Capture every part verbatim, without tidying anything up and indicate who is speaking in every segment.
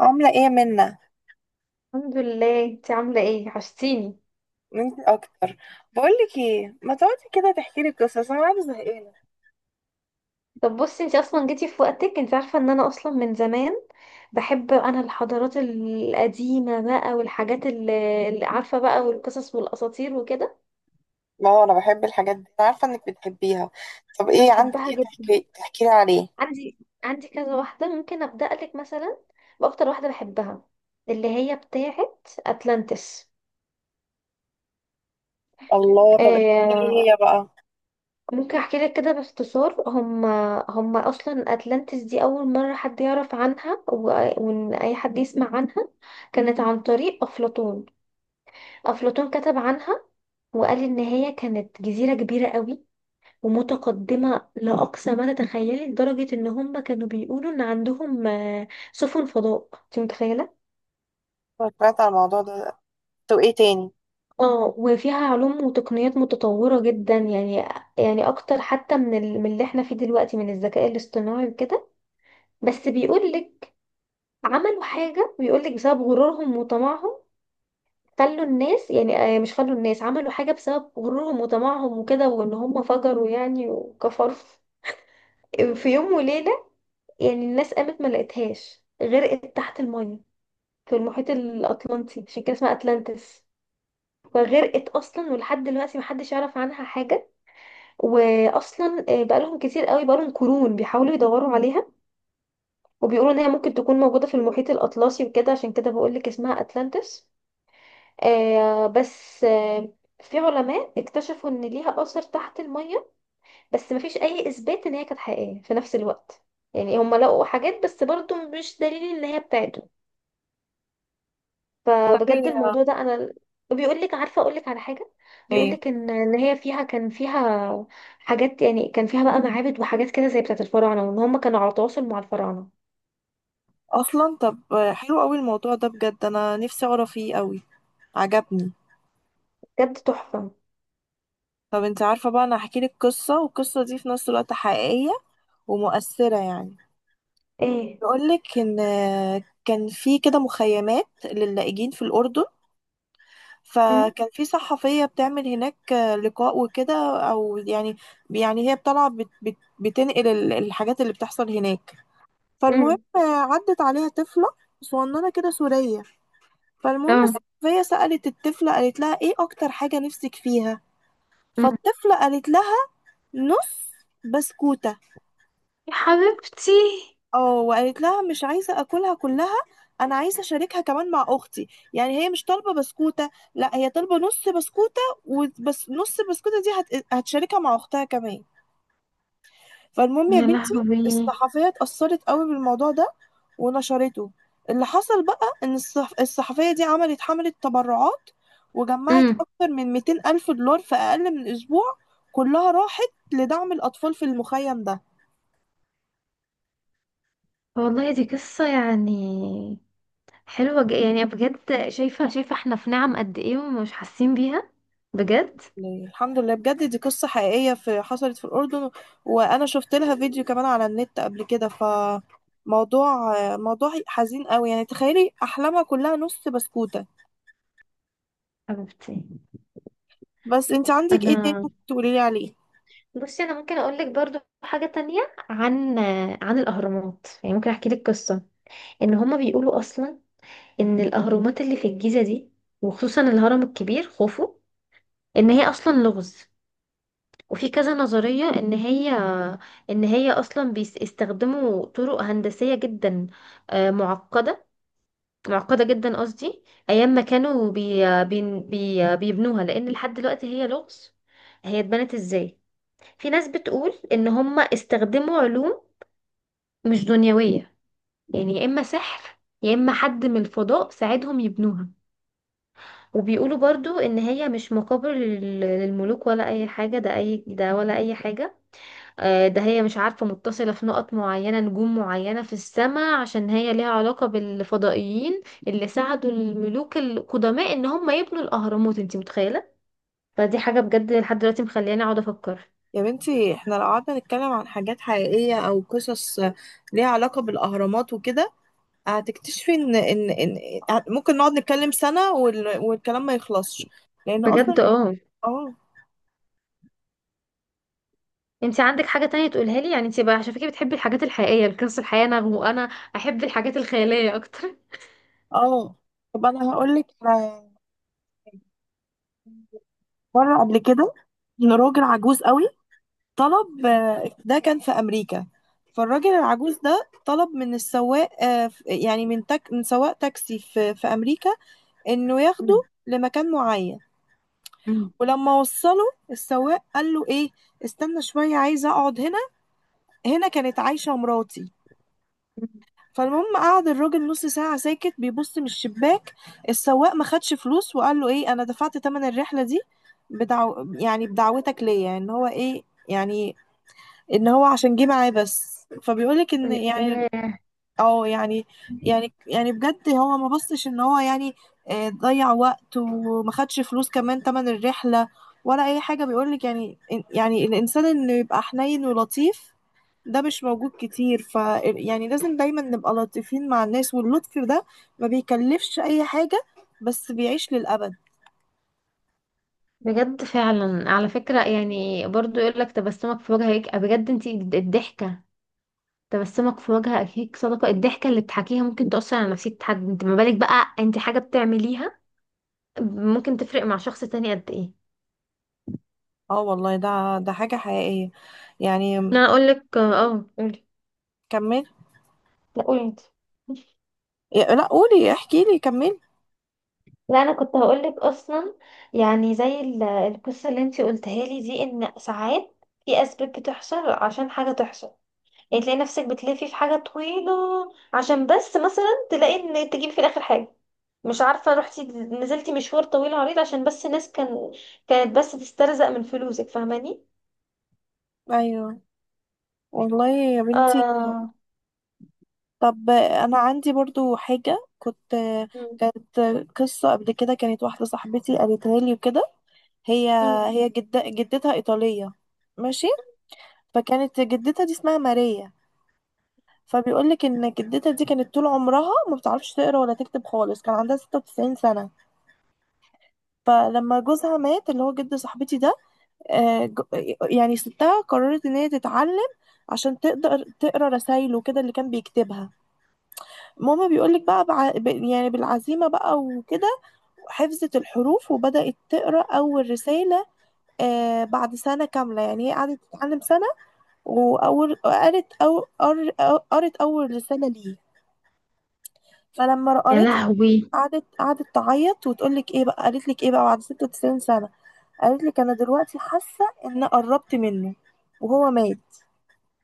Speaker 1: عاملة ايه منا؟
Speaker 2: الحمد لله، انت عامله ايه؟ وحشتيني.
Speaker 1: انت اكتر. بقولك ايه، ما تقعدي كده تحكي لي قصص، انا قاعدة زهقانة.
Speaker 2: طب بصي، انت اصلا جيتي في وقتك. انت عارفه ان انا اصلا من زمان بحب انا الحضارات القديمه بقى، والحاجات اللي اللي عارفه بقى، والقصص والاساطير وكده.
Speaker 1: ما هو انا بحب الحاجات دي، انا عارفة انك بتحبيها. طب ايه عندك،
Speaker 2: بحبها
Speaker 1: ايه
Speaker 2: جدا.
Speaker 1: تحكي تحكي لي عليه؟
Speaker 2: عندي، عندي كذا واحده، ممكن ابدا لك مثلا باكتر واحده بحبها، اللي هي بتاعه اتلانتس.
Speaker 1: الله، طب
Speaker 2: آه،
Speaker 1: ايه؟ هي بقى.
Speaker 2: ممكن احكي لك كده باختصار. هم هم اصلا اتلانتس دي اول مره حد يعرف عنها و- وان اي حد يسمع عنها كانت عن طريق افلاطون. افلاطون كتب عنها، وقال ان هي كانت جزيره كبيره قوي، ومتقدمه لاقصى ما تتخيلي، لدرجه ان هم كانوا بيقولوا ان عندهم آه، سفن فضاء. انت متخيله؟
Speaker 1: أنا سمعت على الموضوع ده. طب ايه تاني؟
Speaker 2: اه، وفيها علوم وتقنيات متطوره جدا، يعني يعني اكتر حتى من ال- من اللي احنا فيه دلوقتي من الذكاء الاصطناعي وكده. بس بيقول لك، عملوا حاجة، بيقولك بسبب غرورهم وطمعهم خلوا الناس، يعني آه، مش خلوا الناس، عملوا حاجة بسبب غرورهم وطمعهم وكده، وان هم فجروا يعني وكفروا في يوم وليلة. يعني الناس قامت ما لقيتهاش، غرقت تحت المية في المحيط الأطلنطي، عشان كده اسمها أتلانتس. فغرقت اصلا، ولحد دلوقتي محدش يعرف عنها حاجه. واصلا آه، بقالهم كتير قوي، بقالهم قرون بيحاولوا يدوروا عليها، وبيقولوا ان هي ممكن تكون موجوده في المحيط الاطلسي وكده، عشان كده بقولك اسمها اتلانتس. آه بس آه في علماء اكتشفوا ان ليها اثر تحت المية، بس مفيش اي اثبات ان هي كانت حقيقية في نفس الوقت. يعني هم لقوا حاجات، بس برضو مش دليل ان هي بتاعته. فبجد
Speaker 1: والله
Speaker 2: الموضوع ده انا بيقول لك، عارفة اقول لك على حاجة؟ بيقول
Speaker 1: ايه
Speaker 2: لك ان ان هي فيها كان فيها حاجات، يعني كان فيها بقى معابد وحاجات كده زي بتاعة الفراعنة، وان هم كانوا على تواصل مع الفراعنة.
Speaker 1: اصلا؟ طب حلو قوي الموضوع ده بجد، انا نفسي اقرا فيه قوي، عجبني.
Speaker 2: بجد تحفة.
Speaker 1: طب انت عارفه بقى، انا هحكي لك قصه، والقصه دي في نفس الوقت حقيقيه ومؤثره يعني.
Speaker 2: ايه؟
Speaker 1: بقولك إن كان في كده مخيمات للاجئين في الأردن،
Speaker 2: مم.
Speaker 1: فكان في صحفية بتعمل هناك لقاء وكده، أو يعني يعني هي طالعة بت بت بتنقل ال- الحاجات اللي بتحصل هناك. فالمهم
Speaker 2: مم.
Speaker 1: عدت عليها طفلة صغننة كده سورية. فالمهم
Speaker 2: اه.
Speaker 1: الصحفية سألت الطفلة، قالت لها إيه أكتر حاجة نفسك فيها؟
Speaker 2: مم.
Speaker 1: فالطفلة قالت لها نص بسكوتة.
Speaker 2: يا حبيبتي.
Speaker 1: اه، وقالت لها مش عايزه اكلها كلها، انا عايزه اشاركها كمان مع اختي. يعني هي مش طالبه بسكوته، لا هي طالبه نص بسكوته، وبس نص البسكوته دي هت... هتشاركها مع اختها كمان. فالمهم يا
Speaker 2: يا
Speaker 1: بنتي،
Speaker 2: لهوي.
Speaker 1: الصحفيه اتاثرت قوي بالموضوع ده ونشرته. اللي حصل بقى ان الصح... الصحفيه دي عملت حمله تبرعات، وجمعت
Speaker 2: مم.
Speaker 1: اكتر من مئتين الف دولار في اقل من اسبوع، كلها راحت لدعم الاطفال في المخيم ده.
Speaker 2: والله دي قصة يعني حلوة، ج- يعني بجد شايفة، شايفة احنا في نعم قد ايه، ومش حاسين بيها؟ بجد.
Speaker 1: لله. الحمد لله بجد، دي قصة حقيقية في حصلت في الأردن، وأنا شفت لها فيديو كمان على النت قبل كده. فموضوع موضوع حزين قوي يعني، تخيلي أحلامها كلها نص بسكوتة.
Speaker 2: حبيبتي،
Speaker 1: بس انت عندك ايه تاني
Speaker 2: انا
Speaker 1: ممكن تقولي لي عليه؟
Speaker 2: بصي، انا ممكن اقول لك برضو حاجة تانية عن، عن الاهرامات، يعني ممكن احكي لك قصة. ان هما بيقولوا اصلا ان الاهرامات اللي في الجيزة دي، وخصوصا الهرم الكبير خوفو، ان هي اصلا لغز. وفي كذا نظرية ان هي، ان هي اصلا بيستخدموا طرق هندسية جدا آه، معقدة، معقدة جدا قصدي، أيام ما كانوا بي بي بي بيبنوها، لأن لحد دلوقتي هي لغز، هي اتبنت ازاي. في ناس بتقول إن هم استخدموا علوم مش دنيوية، يعني يا إما سحر يا إما حد من الفضاء ساعدهم يبنوها. وبيقولوا برضو إن هي مش مقابر لل- للملوك ولا أي حاجة، ده أي ده ولا أي حاجة. آه، ده هي مش عارفة، متصلة في نقط معينة، نجوم معينة في السماء، عشان هي ليها علاقة بالفضائيين اللي ساعدوا الملوك القدماء ان هم يبنوا الاهرامات. انت متخيلة؟ فدي حاجة بجد لحد دلوقتي مخلياني اقعد افكر.
Speaker 1: يا بنتي، احنا لو قعدنا نتكلم عن حاجات حقيقية أو قصص ليها علاقة بالأهرامات وكده، هتكتشفي إن إن إن إن- ممكن نقعد نتكلم سنة، وال- والكلام ما يخلصش لأن أصلا.
Speaker 2: بجد. اه.
Speaker 1: اه.
Speaker 2: انت عندك حاجة تانية تقولها لي يعني؟ انت بقى عشان فكرة بتحبي الحاجات الحقيقية، القصص الحقيقية، انا وانا احب الحاجات الخيالية اكتر.
Speaker 1: اه. طب أنا هقولك على مرة قبل كده، إن راجل عجوز قوي طلب، آه، ده كان في أمريكا. فالراجل العجوز ده طلب من السواق، آه، ف- يعني من تك من سواق تاكسي في في أمريكا، إنه ياخده
Speaker 2: مم.
Speaker 1: لمكان معين.
Speaker 2: مم.
Speaker 1: ولما وصله السواق قال له إيه، استنى شوية عايزة أقعد هنا، هنا كانت عايشة مراتي.
Speaker 2: مم.
Speaker 1: فالمهم قعد الراجل نص ساعة ساكت بيبص من الشباك. السواق ما خدش فلوس، وقال له إيه، أنا دفعت تمن الرحلة دي بدعو يعني بدعوتك ليا، إن هو إيه يعني، ان هو عشان جه معاه بس. فبيقولك ان يعني،
Speaker 2: آه،
Speaker 1: او يعني يعني يعني بجد هو ما بصش ان هو يعني آه، ضيع وقت وما خدش فلوس كمان تمن الرحلة ولا اي حاجة. بيقولك يعني، يعني الانسان انه يبقى حنين ولطيف، ده مش موجود كتير. ف يعني لازم دايما نبقى لطيفين مع الناس، واللطف ده ما بيكلفش اي حاجة، بس بيعيش للأبد.
Speaker 2: بجد فعلا، على فكرة يعني، برضو يقول لك تبسمك في وجهك بجد. انت الضحكة، تبسمك في وجه أخيك صدقة. الضحكة اللي بتحكيها ممكن تأثر على نفسية حد، انت ما بالك بقى انت حاجة بتعمليها، ممكن تفرق مع شخص تاني قد ايه.
Speaker 1: اه والله، ده ده حاجة حقيقية يعني.
Speaker 2: انا اقولك، اه قولي.
Speaker 1: كمل.
Speaker 2: لا قولي انت.
Speaker 1: لا قولي، احكي لي كمل.
Speaker 2: لا، انا كنت هقولك اصلا، يعني زي ال- القصة اللي انت قلتها لي دي، ان ساعات في اسباب بتحصل عشان حاجة تحصل. يعني تلاقي نفسك بتلفي في حاجة طويلة عشان بس مثلا تلاقي ان تجيب في الاخر حاجة، مش عارفة، رحتي نزلتي مشوار طويل عريض عشان بس ناس كان كانت بس تسترزق من فلوسك. فاهماني؟
Speaker 1: ايوه والله يا بنتي،
Speaker 2: اه.
Speaker 1: طب انا عندي برضو حاجة كنت
Speaker 2: مم.
Speaker 1: كانت، قصة قبل كده، كانت واحدة صاحبتي قالتها لي وكده. هي
Speaker 2: مم.
Speaker 1: هي جد جدتها ايطالية ماشي. فكانت جدتها دي اسمها ماريا. فبيقولك ان جدتها دي كانت طول عمرها ما بتعرفش تقرا ولا تكتب خالص، كان عندها ستة وتسعين سنة. فلما جوزها مات، اللي هو جد صاحبتي ده، آه، ج- يعني ستها قررت ان هي تتعلم عشان تقدر تقرا رسايله كده اللي كان بيكتبها. ماما بيقولك بقى، بع... ب- يعني بالعزيمة بقى وكده حفظت الحروف وبدأت تقرأ أول رسالة، آه، بعد سنة كاملة. يعني هي قعدت تتعلم سنة، وأول قرت أو قر- أو- قرت أول رسالة ليه. فلما
Speaker 2: يا
Speaker 1: قريتها،
Speaker 2: لهوي.
Speaker 1: قعدت قعدت تعيط وتقولك إيه بقى، قالت لك إيه بقى، بعد ستة وتسعين سنة قالت لك أنا دلوقتي حاسة إن قربت منه وهو مات.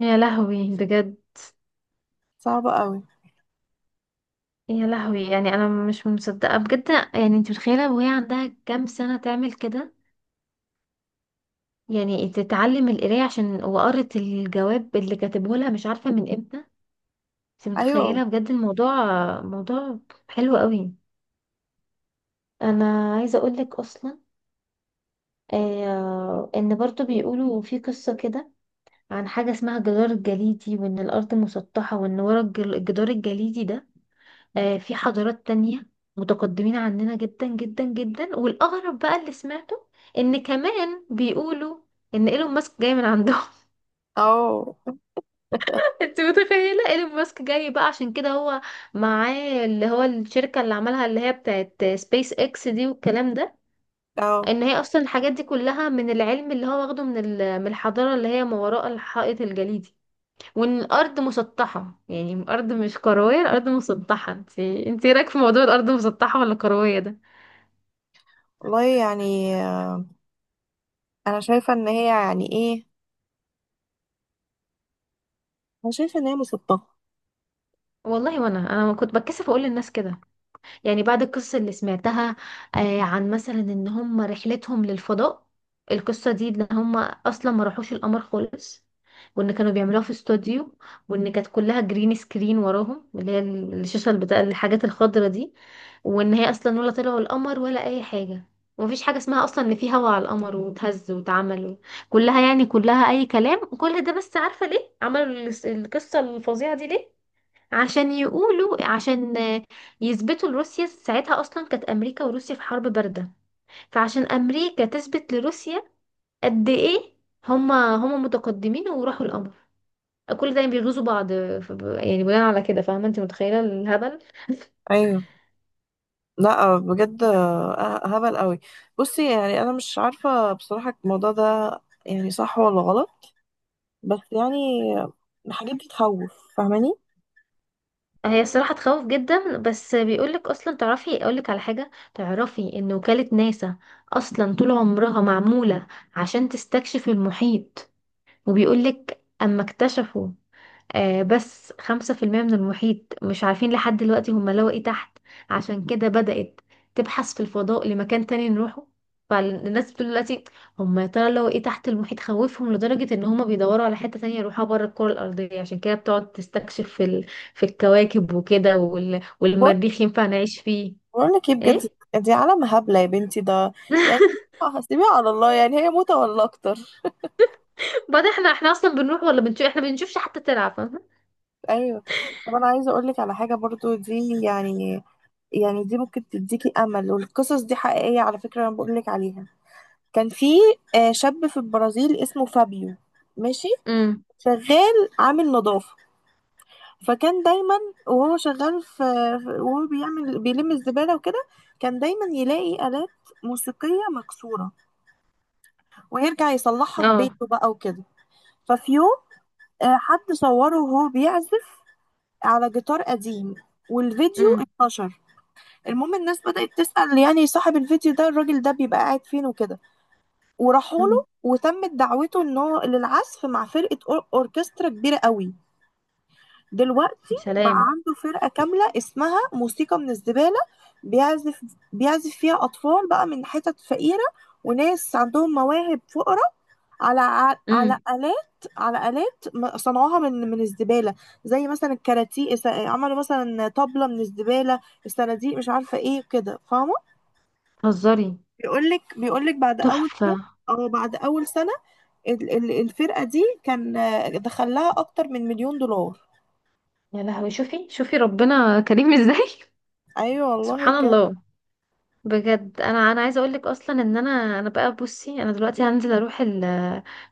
Speaker 2: يا لهوي بجد.
Speaker 1: صعبة قوي.
Speaker 2: يا لهوي، يعني انا مش مصدقه بجد. يعني انت متخيله وهي عندها كام سنه تعمل كده؟ يعني تتعلم القرايه، عشان وقرت الجواب اللي كاتبه لها مش عارفه من امتى. انت
Speaker 1: أيوه.
Speaker 2: متخيله بجد الموضوع؟ موضوع حلو قوي. انا عايزه اقول لك اصلا، آه، ان برضو بيقولوا في قصه كده عن حاجه اسمها الجدار الجليدي، وان الارض مسطحه، وان ورا الجل- الجدار الجليدي ده آه في حضارات تانية متقدمين عننا جدا جدا جدا، والاغرب بقى اللي سمعته ان كمان بيقولوا ان ايلون ماسك جاي من عندهم.
Speaker 1: أه.
Speaker 2: انت متخيله ايلون ماسك جاي؟ بقى عشان كده هو معاه اللي هو الشركه اللي عملها، اللي هي بتاعت سبيس اكس دي والكلام ده،
Speaker 1: أه
Speaker 2: ان هي اصلا الحاجات دي كلها من العلم اللي هو واخده من ال- من الحضاره اللي هي ما وراء الحائط الجليدي. وان الارض مسطحه، يعني الارض مش كرويه، الارض مسطحه. انت انت إيه رايك في موضوع الارض مسطحه ولا كرويه ده؟
Speaker 1: والله يعني، آه، أنا شايفة إن هي يعني إيه، انا شايفه ان هي مسببه.
Speaker 2: والله، وانا انا ما كنت بتكسف اقول للناس كده، يعني بعد القصة اللي سمعتها آه، عن مثلا ان هم رحلتهم للفضاء، القصة دي ان هم اصلا ما راحوش القمر خالص، وان كانوا بيعملوها في استوديو، وان كانت كلها جرين سكرين وراهم، اللي هي الشاشة بتاع الحاجات الخضرة دي، وان هي اصلا ولا طلعوا القمر ولا اي حاجة، ومفيش حاجة اسمها اصلا ان في هوا على القمر وتهز واتعمل، كلها يعني كلها اي كلام. كل ده، بس عارفة ليه عملوا الس- القصة الفظيعة دي ليه؟ عشان يقولوا، عشان آه، يثبتوا لروسيا، ساعتها اصلا كانت امريكا وروسيا في حرب بارده، فعشان امريكا تثبت لروسيا قد ايه هما هما متقدمين وراحوا القمر، كل ده بيغيظوا بعض. آه، ف- ب- يعني بناء على كده، فاهمه؟ انت متخيله الهبل؟
Speaker 1: ايوه. لا بجد آه، هبل قوي. بصي يعني انا مش عارفه بصراحه، الموضوع ده يعني صح ولا غلط، بس يعني الحاجات دي تخوف فاهماني.
Speaker 2: هي الصراحه تخوف جدا، بس بيقولك اصلا، تعرفي اقولك على حاجه؟ تعرفي ان وكاله ناسا اصلا طول عمرها معموله عشان تستكشف المحيط، وبيقولك اما اكتشفوا آه، بس خمسة في المية من المحيط، مش عارفين لحد دلوقتي هما لقوا ايه تحت، عشان كده بدأت تبحث في الفضاء لمكان تاني نروحه. فالناس بتقول دلوقتي، هما يا ترى لقوا ايه تحت المحيط خوفهم لدرجة ان هما بيدوروا على حتة تانية يروحوها بره الكرة الأرضية؟ عشان كده بتقعد تستكشف في, ال... في الكواكب وكده، وال...
Speaker 1: بقول
Speaker 2: والمريخ ينفع نعيش فيه.
Speaker 1: بقول لك ايه بجد،
Speaker 2: ايه؟
Speaker 1: دي عالم هبله يا بنتي ده يعني، هسيبيها على الله، يعني هي موتة ولا اكتر.
Speaker 2: بعد، احنا احنا اصلا بنروح ولا بنشوف؟ احنا بنشوفش حتى تلعب، فاهمة؟
Speaker 1: ايوه. طب انا عايزه اقول لك على حاجه برضو، دي يعني، يعني دي ممكن تديكي امل، والقصص دي حقيقيه على فكره انا بقول لك عليها. كان في آه، شاب في البرازيل اسمه فابيو، ماشي،
Speaker 2: امم.
Speaker 1: شغال عامل نظافة. فكان دايما وهو شغال في في- وهو بيعمل بيلم الزبالة وكده، كان دايما يلاقي آلات موسيقية مكسورة، ويرجع يصلحها في
Speaker 2: اه.
Speaker 1: بيته بقى وكده. ففي يوم آه، حد صوره وهو بيعزف على جيتار قديم، والفيديو
Speaker 2: امم.
Speaker 1: انتشر. المهم الناس بدأت تسأل يعني صاحب الفيديو ده الراجل ده بيبقى قاعد فين وكده، وراحوا
Speaker 2: أمم.
Speaker 1: له، وتمت دعوته ان هو للعزف مع فرقة أور- اوركسترا كبيرة قوي. دلوقتي بقى
Speaker 2: سلام.
Speaker 1: عنده فرقة كاملة اسمها موسيقى من الزبالة. بيعزف بيعزف فيها أطفال بقى من حتت فقيرة، وناس عندهم مواهب فقرة، على ع- على
Speaker 2: امم.
Speaker 1: آلات على آلات م- صنعوها من من الزبالة. زي مثلا الكاراتيه س- عملوا مثلا طبلة من الزبالة، الصناديق، مش عارفة ايه كده فاهمة.
Speaker 2: هزاري.
Speaker 1: بيقولك بيقولك بعد أول سنة،
Speaker 2: تحفة.
Speaker 1: اه، بعد أول سنة ال- ال- الفرقة دي كان آه، دخلها أكتر من مليون دولار.
Speaker 2: يا لهوي، شوفي شوفي ربنا كريم ازاي.
Speaker 1: أيوة والله
Speaker 2: سبحان
Speaker 1: بجد.
Speaker 2: الله. بجد انا، انا عايزه اقول لك اصلا، ان انا انا بقى بصي، انا دلوقتي هنزل اروح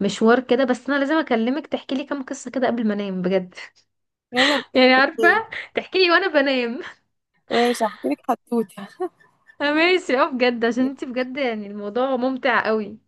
Speaker 2: المشوار كده، بس انا لازم اكلمك تحكي لي كام قصه كده قبل ما انام، بجد.
Speaker 1: يلا بينا.
Speaker 2: يعني عارفه،
Speaker 1: اوكي.
Speaker 2: تحكي لي وانا بنام.
Speaker 1: ماشي هحكي لك حدوته.
Speaker 2: ماشي. اه، بجد، عشان انت بجد يعني الموضوع ممتع قوي.